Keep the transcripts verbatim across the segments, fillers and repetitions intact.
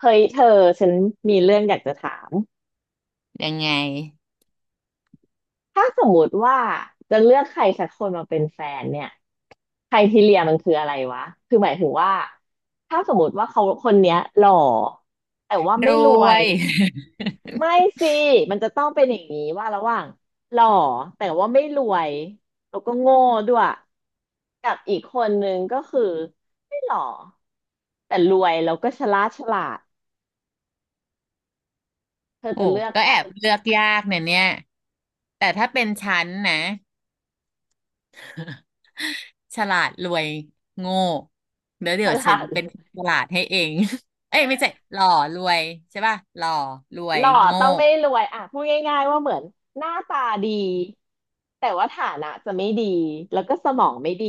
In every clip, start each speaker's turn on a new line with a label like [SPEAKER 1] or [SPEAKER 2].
[SPEAKER 1] เฮ้ยเธอฉันมีเรื่องอยากจะถาม
[SPEAKER 2] ยังไง
[SPEAKER 1] ถ้าสมมติว่าจะเลือกใครสักคนมาเป็นแฟนเนี่ยใครทีเรียมันคืออะไรวะคือหมายถึงว่าถ้าสมมติว่าเขาคนเนี้ยหล่อแต่ว่า
[SPEAKER 2] ร
[SPEAKER 1] ไม่รว
[SPEAKER 2] ว
[SPEAKER 1] ย
[SPEAKER 2] ย
[SPEAKER 1] ไม่สิมันจะต้องเป็นอย่างนี้ว่าระหว่างหล่อแต่ว่าไม่รวยแล้วก็โง่ด้วยกับอีกคนนึงก็คือไม่หล่อแต่รวยแล้วก็ฉลาดฉลาดเธอ
[SPEAKER 2] โอ้
[SPEAKER 1] จะเลือก
[SPEAKER 2] ก็
[SPEAKER 1] ใคร
[SPEAKER 2] แอบเลือกยากเนี่ยเนี่ยแต่ถ้าเป็นฉันนะฉลาดรวยโง่เดี๋ยว
[SPEAKER 1] ฉ
[SPEAKER 2] เดี๋ยวฉั
[SPEAKER 1] ลา
[SPEAKER 2] น
[SPEAKER 1] ด
[SPEAKER 2] เป็นคนฉลาดให้เอง เอ้ยไม่ใช่หล่อรวยใช่ป่ะหล่อรว
[SPEAKER 1] ห
[SPEAKER 2] ย
[SPEAKER 1] ล่อ
[SPEAKER 2] โง่
[SPEAKER 1] ต้องไม่รวยอ่ะพูดง่ายๆว่าเหมือนหน้าตาดีแต่ว่าฐานะจะไม่ดีแล้วก็สมองไม่ดี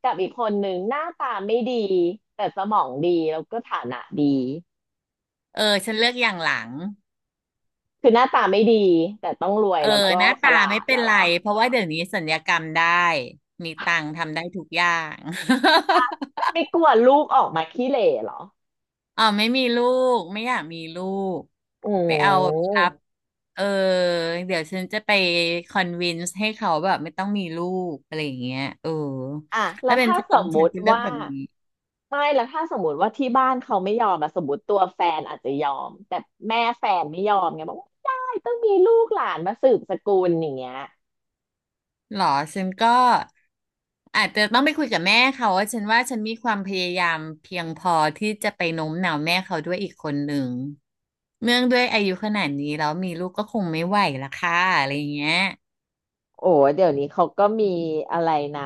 [SPEAKER 1] กับอีกคนหนึงหน้าตาไม่ดีแต่สมองดีแล้วก็ฐานะดี
[SPEAKER 2] เออฉันเลือกอย่างหลัง
[SPEAKER 1] คือหน้าตาไม่ดีแต่ต้องรวย
[SPEAKER 2] เออ
[SPEAKER 1] แล้วก็
[SPEAKER 2] หน้า
[SPEAKER 1] ฉ
[SPEAKER 2] ตา
[SPEAKER 1] ลา
[SPEAKER 2] ไม่
[SPEAKER 1] ด
[SPEAKER 2] เป็
[SPEAKER 1] แล้
[SPEAKER 2] น
[SPEAKER 1] วเห
[SPEAKER 2] ไร
[SPEAKER 1] รอ
[SPEAKER 2] เพราะว่าเดี๋ยวนี้สัญญกรรมได้มีตังค์ทำได้ทุกอย่าง
[SPEAKER 1] ไม่กลัวลูกออกมาขี้เหร่เหรอ
[SPEAKER 2] อ๋อไม่มีลูกไม่อยากมีลูก
[SPEAKER 1] อืม
[SPEAKER 2] ไปเอาครับเออเดี๋ยวฉันจะไปคอนวินส์ให้เขาแบบไม่ต้องมีลูกอะไรอย่างเงี้ยเออ
[SPEAKER 1] อ่ะแล้
[SPEAKER 2] ถ้า
[SPEAKER 1] ว
[SPEAKER 2] เป็น
[SPEAKER 1] ถ้า
[SPEAKER 2] ฉั
[SPEAKER 1] ส
[SPEAKER 2] น
[SPEAKER 1] มมุ
[SPEAKER 2] ฉัน
[SPEAKER 1] ติ
[SPEAKER 2] จะเลือก
[SPEAKER 1] ว่า
[SPEAKER 2] แบบนี้
[SPEAKER 1] ไม่แล้วถ้าสมมติว่าที่บ้านเขาไม่ยอมอะสมมติตัวแฟนอาจจะยอมแต่แม่แฟนไม่ยอมไงบอกว่าไม่ได้ต้องมีลูกหลานมาสืบสกุลอย่างเงี้ย
[SPEAKER 2] หรอฉันก็อาจจะต้องไปคุยกับแม่เขาว่าฉันว่าฉันมีความพยายามเพียงพอที่จะไปโน้มน้าวแม่เขาด้วยอีกคนหนึ่งเนื่องด้วยอายุขนาดนี้แล้วมีลูกก็คงไม่ไหวละค่ะอะไรอย่างเงี้ย
[SPEAKER 1] โอ้เดี๋ยวนี้เขาก็มีอะไรนะ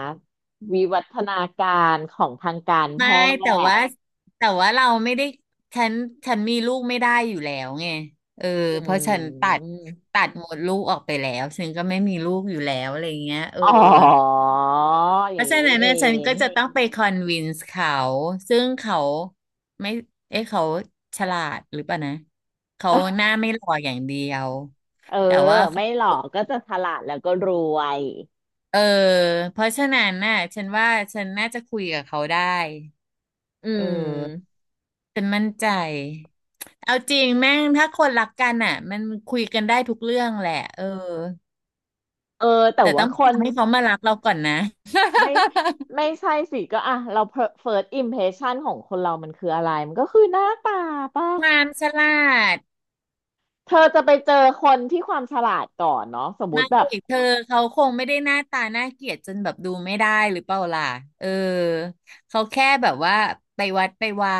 [SPEAKER 1] วิวัฒนาการของทางการแพ
[SPEAKER 2] ไม่
[SPEAKER 1] ทย์
[SPEAKER 2] แต่ว่าแต่ว่าเราไม่ได้ฉันฉันมีลูกไม่ได้อยู่แล้วไงเออ
[SPEAKER 1] อื
[SPEAKER 2] เพราะฉันตัด
[SPEAKER 1] ม
[SPEAKER 2] ตัดหมดลูกออกไปแล้วฉันก็ไม่มีลูกอยู่แล้วอะไรเงี้ยเออ
[SPEAKER 1] อ๋ออ
[SPEAKER 2] เพ
[SPEAKER 1] ย่าง
[SPEAKER 2] ราะฉะ
[SPEAKER 1] นี้นี่
[SPEAKER 2] นั้น
[SPEAKER 1] เอ
[SPEAKER 2] เนี่ยฉัน
[SPEAKER 1] ง
[SPEAKER 2] ก็จะต้องไปคอนวินส์เขาซึ่งเขาไม่เอ๊ะเขาฉลาดหรือเปล่านะเขาห น้าไม่หล่ออย่างเดียว
[SPEAKER 1] เออ
[SPEAKER 2] แต่ว่า
[SPEAKER 1] ไม่หรอกก็จะฉลาดแล้วก็รวย
[SPEAKER 2] เออเพราะฉะนั้นน่ะฉันว่าฉันน่าจะคุยกับเขาได้
[SPEAKER 1] อื
[SPEAKER 2] เออ
[SPEAKER 1] ม
[SPEAKER 2] ฉันมั่นใจ เอาจริงแม่งถ้าคนรักกันอ่ะมันคุยกันได้ทุกเรื่องแหละเออ
[SPEAKER 1] เออแต่
[SPEAKER 2] แต่ต้
[SPEAKER 1] ว่า
[SPEAKER 2] อง
[SPEAKER 1] คน
[SPEAKER 2] ทำให้เขามารักเราก่อนนะ
[SPEAKER 1] ไม่ไม่ใช่สิก็อ่ะเรา เฟิร์ส อิมเพรสชั่น ของคนเรามันคืออะไรมันก็คือหน้าตาป่ะ
[SPEAKER 2] ความฉลาด
[SPEAKER 1] เธอจะไปเจอคนที่ความฉลาดก่อนเนาะสมมุ
[SPEAKER 2] ไม่
[SPEAKER 1] ติแบบ
[SPEAKER 2] เธอ เขาคงไม่ได้หน้าตาน่าเกลียดจนแบบดูไม่ได้หรือเปล่าล่ะ เออ เขาแค่แบบว่าไปวัดไปวา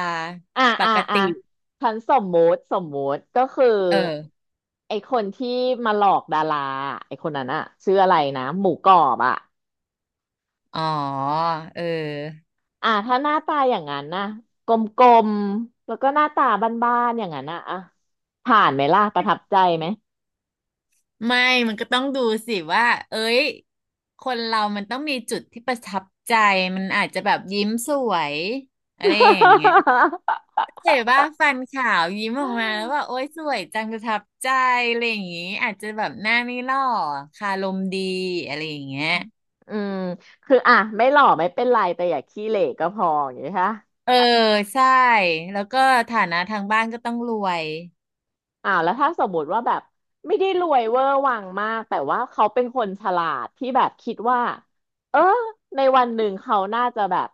[SPEAKER 1] อ่ะ
[SPEAKER 2] ป
[SPEAKER 1] อ่ะ
[SPEAKER 2] ก
[SPEAKER 1] อ่ะ
[SPEAKER 2] ติ
[SPEAKER 1] ฉันสมมุติสมมุติก็คือ
[SPEAKER 2] เออ
[SPEAKER 1] ไอคนที่มาหลอกดาราไอคนนั้นอะชื่ออะไรนะหมูกรอบอะ
[SPEAKER 2] อ๋อเออ
[SPEAKER 1] อ่ะถ้าหน้าตาอย่างนั้นนะกลมๆแล้วก็หน้าตาบ้านๆอย่างนั้นนะอ่ะผ่านไหมล่ะประทับใจไหม
[SPEAKER 2] ไม่มันก็ต้องดูสิว่าเอ้ยคนเรามันต้องมีจุดที่ประทับใจ มันอาจจะแบบยิ้มสวยอะไรอย่างเงี้ยเห็นว่าฟันขาวยิ้มออกมาแล้วว่า โอ๊ยสวยจังประทับใจอะไรอย่างงี้อาจจะแบบหน้าไม่หล่อคารมดีอะไรอย่างเงี้ย
[SPEAKER 1] อืมคืออ่ะไม่หล่อไม่เป็นไรแต่อย่าขี้เหร่ก็พออย่างนี้ค่ะ
[SPEAKER 2] เออใช่ แล้วก็ฐานะทางบ้านก็ต้องรวย
[SPEAKER 1] อ่าแล้วถ้าสมมติว่าแบบไม่ได้รวยเวอร์วังมากแต่ว่าเขาเป็นคนฉลาดที่แบบคิดว่าเออในวันหนึ่งเขาน่าจะแบบ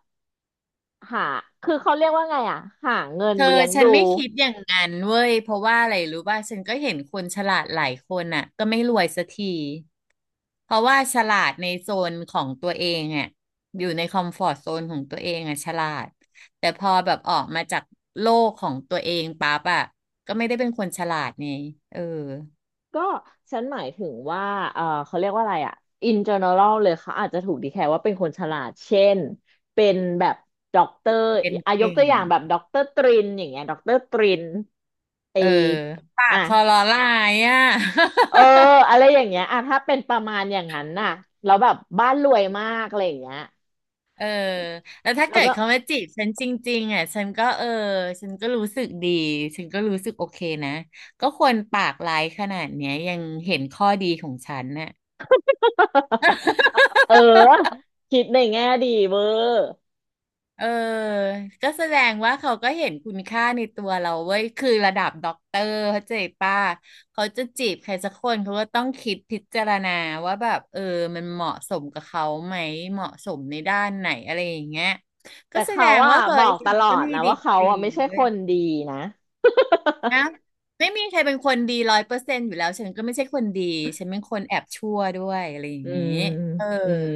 [SPEAKER 1] หาคือเขาเรียกว่าไงอ่ะหาเงิน
[SPEAKER 2] เธอ
[SPEAKER 1] เลี้ยง
[SPEAKER 2] ฉั
[SPEAKER 1] ดู
[SPEAKER 2] นไม่คิดอย่างนั้นเว้ยเพราะว่าอะไรรู้ป่ะฉันก็เห็นคนฉลาดหลายคนอ่ะก็ไม่รวยสักทีเพราะว่าฉลาดในโซนของตัวเองอ่ะอยู่ในคอมฟอร์ตโซนของตัวเองอ่ะฉลาดแต่พอแบบออกมาจากโลกของตัวเองปั๊บอ่ะก็ไม่ได้เป็นคนฉลาดไงเออ
[SPEAKER 1] ก็ฉันหมายถึงว่าเออเขาเรียกว่าอะไรอ่ะ อิน เจนเนอรัล เลยเขาอาจจะถูกดีแคลว่าเป็นคนฉลาดเช่นเป็นแบบด็อกเตอร์
[SPEAKER 2] เป็น
[SPEAKER 1] อาย
[SPEAKER 2] เก่
[SPEAKER 1] กตั
[SPEAKER 2] ง
[SPEAKER 1] วอย่างแบบด็อกเตอร์ตรินอย่างเงี้ยด็อกเตอร์ตรินไอ
[SPEAKER 2] เออปาก
[SPEAKER 1] อ่ะ
[SPEAKER 2] คอลอลายอ่ะ
[SPEAKER 1] เอออะไรอย่างเงี้ยอ่ะถ้าเป็นประมาณอย่างนั้นน่ะแล้วแบบบ้านรวยมากอะไรอย่างเงี้ย
[SPEAKER 2] เออแล้วถ้า
[SPEAKER 1] แล้
[SPEAKER 2] เกิ
[SPEAKER 1] ว
[SPEAKER 2] ด
[SPEAKER 1] ก็
[SPEAKER 2] เขามาจีบฉันจริงๆอ่ะฉันก็เออ ฉันก็รู้สึกดี ฉันก็รู้สึกโอเคนะก็ควรปากร้ายขนาดเนี้ยยังเห็นข้อดีของฉันน่ะ
[SPEAKER 1] เออคิดในแง่ดีเวอร์
[SPEAKER 2] เออก็แสดงว่าเขาก็เห็นคุณค่าในตัวเราเว้ยคือระดับด็อกเตอร์เขาใจป้าเขาจะจีบใครสักคนเขาก็ต้องคิดพิจารณาว่าแบบเออ มันเหมาะสมกับเขาไหมเหมาะสมในด้านไหนอะไรอย่างเงี้ย
[SPEAKER 1] แต่
[SPEAKER 2] ก็แสด
[SPEAKER 1] เขา
[SPEAKER 2] ง
[SPEAKER 1] อ่ะ
[SPEAKER 2] ว่าเค
[SPEAKER 1] บอ
[SPEAKER 2] ย
[SPEAKER 1] ก
[SPEAKER 2] ฉั
[SPEAKER 1] ต
[SPEAKER 2] น
[SPEAKER 1] ลอ
[SPEAKER 2] ก็
[SPEAKER 1] ด
[SPEAKER 2] มี
[SPEAKER 1] นะ
[SPEAKER 2] ดี
[SPEAKER 1] ว่า
[SPEAKER 2] ก
[SPEAKER 1] เขา
[SPEAKER 2] รี
[SPEAKER 1] อ่ะไม่
[SPEAKER 2] นะ
[SPEAKER 1] ใช่
[SPEAKER 2] เว้
[SPEAKER 1] ค
[SPEAKER 2] ย
[SPEAKER 1] นดีนะ
[SPEAKER 2] นะไม่มีใครเป็นคนดีร้อยเปอร์เซ็นต์อยู่แล้วฉันก็ไม่ใช่คนดีฉันเป็นคนแอบชั่วด้วยอะไรอย่า
[SPEAKER 1] อื
[SPEAKER 2] งนี้
[SPEAKER 1] ม
[SPEAKER 2] เออ
[SPEAKER 1] อืม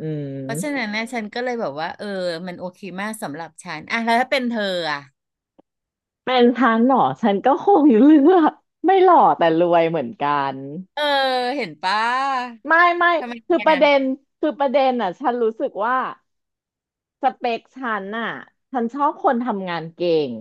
[SPEAKER 1] อืม
[SPEAKER 2] เพราะฉะนั้นนะฉันก็เลยแบบว่าเออมันโอเคมากสำหรับฉันอ่ะแล้วถ้าเป็นเธออ่ะ
[SPEAKER 1] เป็นฉันเหรอฉันก็คงเลือกไม่หล่อแต่รวยเหมือนกัน
[SPEAKER 2] เออเห็นปะ
[SPEAKER 1] ไม่ไม่
[SPEAKER 2] ทำไม
[SPEAKER 1] คือ
[SPEAKER 2] เนี่
[SPEAKER 1] ป
[SPEAKER 2] ย
[SPEAKER 1] ระเด็น คือประเด็นอ่ะฉันรู้สึกว่า สเปคฉันน่ะฉันชอบคนทำงานเก่ง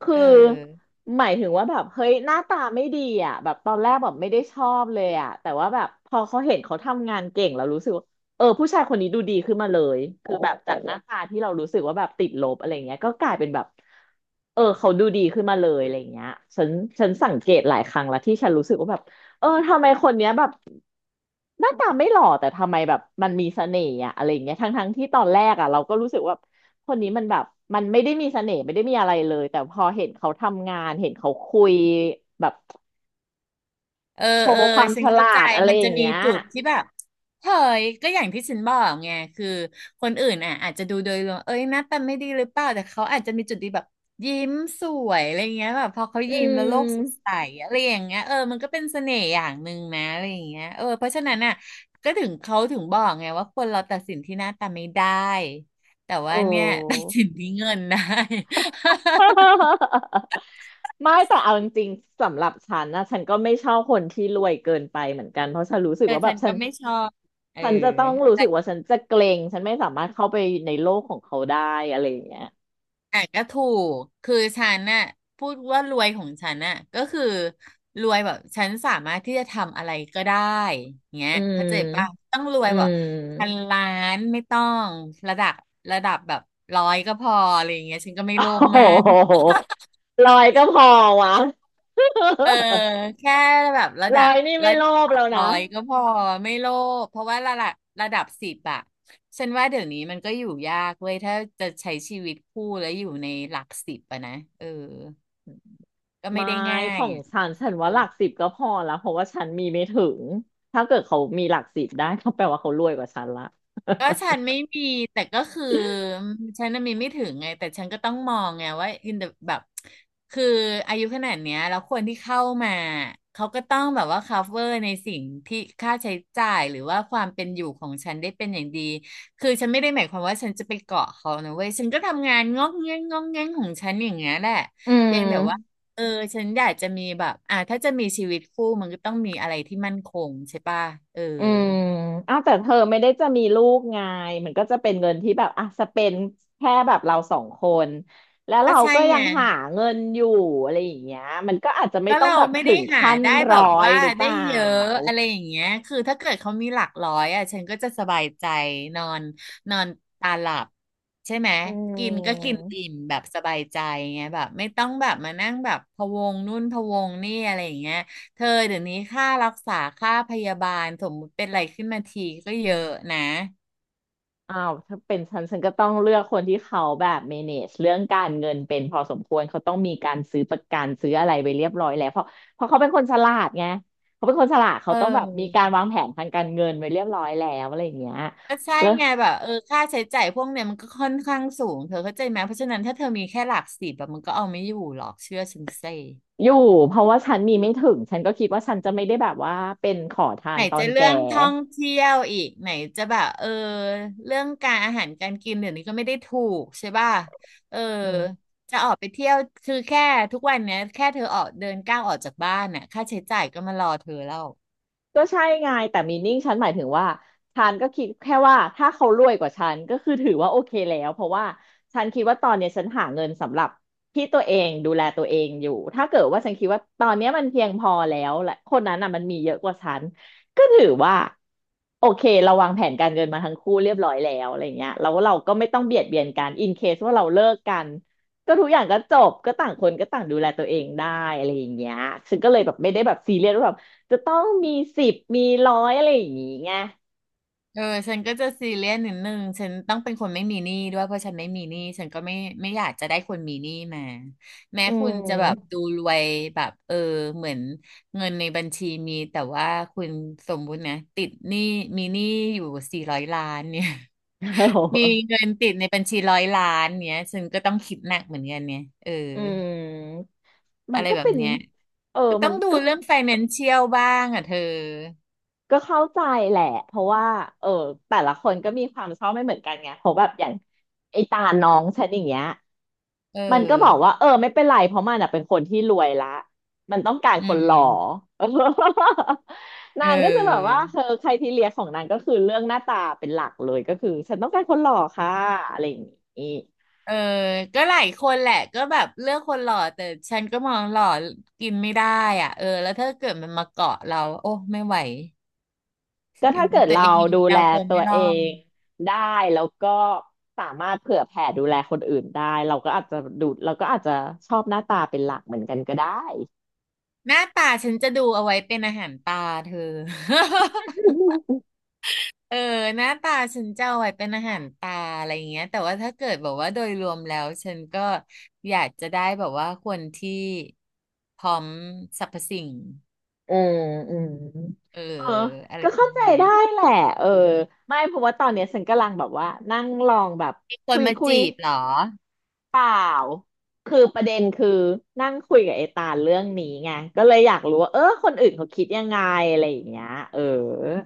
[SPEAKER 1] คื
[SPEAKER 2] เอ
[SPEAKER 1] อ
[SPEAKER 2] อ
[SPEAKER 1] หมายถึงว่าแบบเฮ้ยหน้าตาไม่ดีอ่ะแบบตอนแรกแบบไม่ได้ชอบเลยอ่ะแต่ว่าแบบพอเขาเห็นเขาทำงานเก่งเรารู้สึกว่าเออผู้ชายคนนี้ดูดีขึ้นมาเลยคือแบบจากหน้าตาที่เรารู้สึกว่าแบบติดลบอะไรเงี้ยก็กลายเป็นแบบเออเขาดูดีขึ้นมาเลยอะไรเงี้ยฉันฉันสังเกตหลายครั้งแล้วที่ฉันรู้สึกว่าแบบ เออทำไมคนเนี้ยแบบหน้าตาไม่หล่อแต่ทำไมแบบมันมีเสน่ห์อะอะไรอย่างเงี้ยทั้งทั้งที่ตอนแรกอะเราก็รู้สึกว่าคนนี้มันแบบมันไม่ได้มีเสน่ห์ไม่ได้มีอะไรเลยแต่พอเห็นเขาทำงานเห็นเขาคุยแบบ
[SPEAKER 2] เออ
[SPEAKER 1] โช
[SPEAKER 2] เออ
[SPEAKER 1] ว์ความ
[SPEAKER 2] ฉั
[SPEAKER 1] ฉ
[SPEAKER 2] น
[SPEAKER 1] ลา
[SPEAKER 2] เข้าใจ
[SPEAKER 1] ดอะไร
[SPEAKER 2] มัน
[SPEAKER 1] อ
[SPEAKER 2] จะ
[SPEAKER 1] ย่าง
[SPEAKER 2] มี
[SPEAKER 1] เงี้ย
[SPEAKER 2] จุดที่แบบเฮ้ยก็อย่างที่ฉันบอกไงคือคนอื่นอ่ะอาจจะดูโดยรวมเอ้ยหน้าตาไม่ดีหรือเปล่าแต่เขาอาจจะมีจุดดีแบบยิ้มสวยอะไรเงี้ยแบบพอเขา
[SPEAKER 1] อื
[SPEAKER 2] ยิ้มแล้วโลกสด
[SPEAKER 1] ม
[SPEAKER 2] ใสอะไรอย่างเงี้ยเออมันก็เป็นเสน่ห์อย่างหนึ่งนะอะไรอย่างเงี้ยเออเพราะฉะนั้นอ่ะก็ถึงเขาถึงบอกไงว่าคนเราตัดสินที่หน้าตาไม่ได้แต่ว่า
[SPEAKER 1] โอ้
[SPEAKER 2] เนี่ย ตัดสินที่เงินได้
[SPEAKER 1] ไม่แต่เอาจริงๆสำหรับฉันนะฉันก็ไม่ชอบคนที่รวยเกินไปเหมือนกันเพราะฉันรู้ สึก
[SPEAKER 2] เออ
[SPEAKER 1] ว่าแบ
[SPEAKER 2] ฉั
[SPEAKER 1] บ
[SPEAKER 2] น
[SPEAKER 1] ฉั
[SPEAKER 2] ก็
[SPEAKER 1] น
[SPEAKER 2] ไม่ชอบเออ
[SPEAKER 1] ฉันจะต้องรู้สึกว่าฉันจะเกรงฉันไม่สามารถเข้าไปในโลกของเขาได้อะไรอย่างเงี้ย
[SPEAKER 2] อ่ะก็ถูกคือฉันน่ะพูดว่ารวยของฉันน่ะก็คือรวยแบบฉันสามารถที่จะทำอะไรก็ได้เงี้ย
[SPEAKER 1] อื
[SPEAKER 2] เข้าใจป่ะ
[SPEAKER 1] ม
[SPEAKER 2] ต้องรวย
[SPEAKER 1] อื
[SPEAKER 2] แบบพัน
[SPEAKER 1] ม
[SPEAKER 2] ล้านไม่ต้องระดับระดับแบบร้อยก็พออะไรอย่างเงี้ยฉันก็ ไม่
[SPEAKER 1] โอ้
[SPEAKER 2] โลภมาก
[SPEAKER 1] โหลอยก็พอวะ
[SPEAKER 2] เออ แค่แบบระ
[SPEAKER 1] ล
[SPEAKER 2] ดั
[SPEAKER 1] อ
[SPEAKER 2] บ
[SPEAKER 1] ยนี่ไม่
[SPEAKER 2] ระด
[SPEAKER 1] โลภ
[SPEAKER 2] ับ
[SPEAKER 1] แล้ว
[SPEAKER 2] ร้
[SPEAKER 1] นะ
[SPEAKER 2] อยก็พอไม่โลภเพราะว่าระดับระดับสิบอะฉันว่าเดี๋ยวนี้มันก็อยู่ยากเว้ยถ้าจะใช้ชีวิตคู่แล้วอยู่ในหลักสิบอะนะเออ ก็ไม่
[SPEAKER 1] ไม่
[SPEAKER 2] ได้ง่า
[SPEAKER 1] ขอ
[SPEAKER 2] ย
[SPEAKER 1] งฉันฉั
[SPEAKER 2] สั
[SPEAKER 1] น
[SPEAKER 2] งค
[SPEAKER 1] ว่าห
[SPEAKER 2] ม
[SPEAKER 1] ลักสิบก็พอแล้วเพราะว่าฉันมีไม่ถึง ถ้าเกิดเขามีหลักสิบได้ก็แปลว่าเขารวยกว่าฉันละ
[SPEAKER 2] ก็ฉันไม่มีแต่ก็คือฉันน่ะมีไม่ถึงไงแต่ฉันก็ต้องมองไงว่าอินแบบคืออายุขนาดเนี้ยแล้วคนที่เข้ามาเขาก็ต้องแบบว่า cover ในสิ่งที่ค่าใช้จ่ายหรือว่าความเป็นอยู่ของฉันได้เป็นอย่างดีคือฉันไม่ได้หมายความว่าฉันจะไปเกาะเขานะเว้ยฉันก็ทำงานงอกเงี้ยงงอกเงี้ยงของฉันอย่างเงี้ยแหละ
[SPEAKER 1] อื
[SPEAKER 2] เพี
[SPEAKER 1] ม
[SPEAKER 2] ยงแต่ว่าเออฉันอยากจะมีแบบอ่าถ้าจะมีชีวิตคู่มันก็ต้องมีอะไรที่มั่นคงใช่ป่ะเออ
[SPEAKER 1] อืมอ้าวแต่เธอไม่ได้จะมีลูกไงมันก็จะเป็นเงินที่แบบอ่ะสเปนแค่แบบเราสองคนแล้ว
[SPEAKER 2] ก็
[SPEAKER 1] เรา
[SPEAKER 2] ใช่
[SPEAKER 1] ก็ยั
[SPEAKER 2] ไง
[SPEAKER 1] งหาเงินอยู่อะไรอย่างเงี้ยมันก็อาจจะไม่
[SPEAKER 2] ก็
[SPEAKER 1] ต้อง
[SPEAKER 2] เรา
[SPEAKER 1] แบบ
[SPEAKER 2] ไม่
[SPEAKER 1] ถึ
[SPEAKER 2] ได้
[SPEAKER 1] ง
[SPEAKER 2] หา
[SPEAKER 1] ขั้น
[SPEAKER 2] ได้แบ
[SPEAKER 1] ร้อ
[SPEAKER 2] บ
[SPEAKER 1] ย
[SPEAKER 2] ว่า
[SPEAKER 1] หรือเป
[SPEAKER 2] ได้
[SPEAKER 1] ล่า
[SPEAKER 2] เยอะอะไรอย่างเงี้ยคือถ้าเกิดเขามีหลักร้อยอ่ะฉันก็จะสบายใจนอนนอนตาหลับใช่ไหม
[SPEAKER 1] อื
[SPEAKER 2] กินก็กิน
[SPEAKER 1] ม
[SPEAKER 2] อิ่มแบบสบายใจไงแบบไม่ต้องแบบมานั่งแบบพะวงนู่นพะวงนี่อะไรอย่างเงี้ยเธอเดี๋ยวนี้ค่ารักษาค่าพยาบาลสมมติเป็นอะไรขึ้นมาทีก็เยอะนะ
[SPEAKER 1] อ้าวถ้าเป็นฉันฉันก็ต้องเลือกคนที่เขาแบบ แมเนจ เรื่องการเงินเป็นพอสมควรเขาต้องมีการซื้อประกันซื้ออะไรไปเรียบร้อยแล้วเพราะเพราะเขาเป็นคนฉลาดไงเขาเป็นคนฉลาด
[SPEAKER 2] เ
[SPEAKER 1] เขาต้องแบบมีกา
[SPEAKER 2] ออ
[SPEAKER 1] รวางแผนทางการเงินไว้เรียบร้อยแล้วอะไรอย่างเงี้ย
[SPEAKER 2] ก็ใช่
[SPEAKER 1] แล้ว
[SPEAKER 2] ไงแบบเออค่าใช้จ่ายพวกเนี้ยมันก็ค่อนข้างสูงเธอเข้าใจไหมเพราะฉะนั้นถ้าเธอมีแค่หลักสิบแบบมันก็เอาไม่อยู่หรอกเชื่อฉันสิ
[SPEAKER 1] อยู่เพราะว่าฉันมีไม่ถึงฉันก็คิดว่าฉันจะไม่ได้แบบว่าเป็นขอทา
[SPEAKER 2] ไหน
[SPEAKER 1] นตอ
[SPEAKER 2] จะ
[SPEAKER 1] น
[SPEAKER 2] เรื่
[SPEAKER 1] แก่
[SPEAKER 2] องท่องเที่ยวอีกไหนจะแบบเออเรื่องการอาหารการกินเดี๋ยวนี้ก็ไม่ได้ถูกใช่ป่ะเออ
[SPEAKER 1] อืม
[SPEAKER 2] จะออกไปเที่ยวคือแค่ทุกวันเนี้ยแค่เธอออกเดินก้าวออกจากบ้านน่ะค่าใช้จ่ายก็มารอเธอแล้ว
[SPEAKER 1] ก็ใช่ไงแต่มีนิ่งฉันหมายถึงว่าฉันก็คิดแค่ว่าถ้าเขารวยกว่าฉันก็คือถือว่าโอเคแล้วเพราะว่าฉันคิดว่าตอนเนี้ยฉันหาเงินสำหรับที่ตัวเองดูแลตัวเองอยู่ถ้าเกิดว่าฉันคิดว่าตอนเนี้ยมันเพียงพอแล้วและคนนั้นน่ะมันมีเยอะกว่าฉันก็ถือว่าโอเคเราวางแผนการเงินมาทั้งคู่เรียบร้อยแล้วอะไรเงี้ยแล้วเราก็ไม่ต้องเบียดเบียนกันอินเคสว่าเราเลิกกันก็ทุกอย่างก็จบก็ต่างคนก็ต่างดูแลตัวเองได้อะไรอย่างเงี้ยฉันก็เลยแบบไม่ได้แบบซีเรียสว่าแบบ จะต้องมีสิบมีร้อยอะไรอย่างงี้ไง
[SPEAKER 2] เออฉันก็จะซีเรียสนิดนึงฉันต้องเป็นคนไม่มีหนี้ด้วยเพราะฉันไม่มีหนี้ฉันก็ไม่ไม่อยากจะได้คนมีหนี้มาแม้
[SPEAKER 1] อื
[SPEAKER 2] คุณจะแบบ
[SPEAKER 1] ม
[SPEAKER 2] ดูรวยแบบเออเหมือนเงินในบัญชีมีแต่ว่าคุณสมมุตินะติดหนี้มีหนี้อยู่สี่ร้อยล้านเนี่ย
[SPEAKER 1] โอ้โห
[SPEAKER 2] มีเงินติดในบัญชีร้อยล้านเนี่ยฉันก็ต้องคิดหนักเหมือนกันเนี่ยเออ
[SPEAKER 1] อืมมั
[SPEAKER 2] อะ
[SPEAKER 1] น
[SPEAKER 2] ไร
[SPEAKER 1] ก็
[SPEAKER 2] แบบ
[SPEAKER 1] เป็น
[SPEAKER 2] เนี้ย
[SPEAKER 1] เออ
[SPEAKER 2] ก็ต้
[SPEAKER 1] มั
[SPEAKER 2] อ
[SPEAKER 1] น
[SPEAKER 2] งดู
[SPEAKER 1] ก็
[SPEAKER 2] เรื่องไฟแนนเชียลบ้างอ่ะเธอ
[SPEAKER 1] ก็เข้าใจแหละเพราะว่าเออแต่ละคนก็มีความชอบไม่เหมือนกันไงเพราะแบบอย่างไอตาน้องฉันอย่างเงี้ย
[SPEAKER 2] เอ
[SPEAKER 1] มันก็บอก
[SPEAKER 2] อ
[SPEAKER 1] ว่าเออไม่เป็นไรเพราะมันอ่ะเป็นคนที่รวยละมันต้องการ
[SPEAKER 2] อื
[SPEAKER 1] คนหล่อ
[SPEAKER 2] ม เอ
[SPEAKER 1] นางก็จะแบบว่าเธอ
[SPEAKER 2] อ
[SPEAKER 1] ใครทีเลียของนางก็คือเรื่องหน้าตาเป็นหลักเลยก็คือฉันต้องการคนหล่อค่ะอะไรอย่างงี้
[SPEAKER 2] เออก็หลายคนแหละก็แบบเลือกคนหล่อแต่ฉันก็มองหล่อกินไม่ได้อ่ะเออแล้วถ้าเกิดมันมาเกาะเราโอ้ไม่ไหว
[SPEAKER 1] ก็ถ้าเกิด
[SPEAKER 2] ตัว
[SPEAKER 1] เรา
[SPEAKER 2] เองยั
[SPEAKER 1] ดู
[SPEAKER 2] ง
[SPEAKER 1] แล
[SPEAKER 2] เอาตัว
[SPEAKER 1] ตั
[SPEAKER 2] ไม่
[SPEAKER 1] ว
[SPEAKER 2] รอ
[SPEAKER 1] เอ
[SPEAKER 2] ด
[SPEAKER 1] งได้แล้วก็สามารถเผื่อแผ่ดูแลคนอื่นได้เราก็อาจจะดูเราก็อาจจะชอบหน้าตาเป็นหลักเหมือนกันก็ได้
[SPEAKER 2] หน้าตาฉันจะดูเอาไว้เป็นอาหารตาเธอ เออหน้าตาฉันจะเอาไว้เป็นอาหารตาอะไรอย่างเงี้ยแต่ว่าถ้าเกิดแบบว่าโดยรวมแล้วฉันก็อยากจะได้แบบว่าคนที่พร้อมสรรพสิ่ง
[SPEAKER 1] อืมอืม
[SPEAKER 2] เออ
[SPEAKER 1] เออ
[SPEAKER 2] อะไร
[SPEAKER 1] ก็
[SPEAKER 2] ประ
[SPEAKER 1] เข้า
[SPEAKER 2] มา
[SPEAKER 1] ใจ
[SPEAKER 2] ณเนี้ย
[SPEAKER 1] ได้แหละเออไม่เพราะว่าตอนเนี้ยฉันกำลังแบบว่านั่งลองแบบ
[SPEAKER 2] มีค
[SPEAKER 1] คุ
[SPEAKER 2] น
[SPEAKER 1] ย
[SPEAKER 2] มา
[SPEAKER 1] คุย
[SPEAKER 2] จีบเหรอ
[SPEAKER 1] เปล่า คือประเด็นคือนั่งคุยกับไอตาลเรื่องนี้ไงก็เลยอยากรู้ว่าเออคนอื่นเขาคิดยังไงอะไรอย่างเงี้ยเออ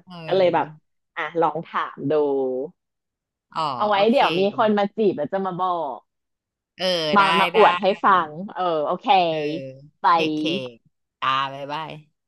[SPEAKER 2] เอ
[SPEAKER 1] ก็เลยแบบ
[SPEAKER 2] อ
[SPEAKER 1] อ่ะลองถามดู
[SPEAKER 2] อ๋อ
[SPEAKER 1] เอา
[SPEAKER 2] โอ
[SPEAKER 1] ไว้
[SPEAKER 2] เค
[SPEAKER 1] เดี๋ยวมีคนมาจีบแล้วจะมาบอก
[SPEAKER 2] เออ
[SPEAKER 1] มา
[SPEAKER 2] ได้
[SPEAKER 1] มาอ
[SPEAKER 2] ได้
[SPEAKER 1] วดให้ฟัง เออโอเค
[SPEAKER 2] เออ
[SPEAKER 1] ไป
[SPEAKER 2] เคเคตาบ๊ายบาย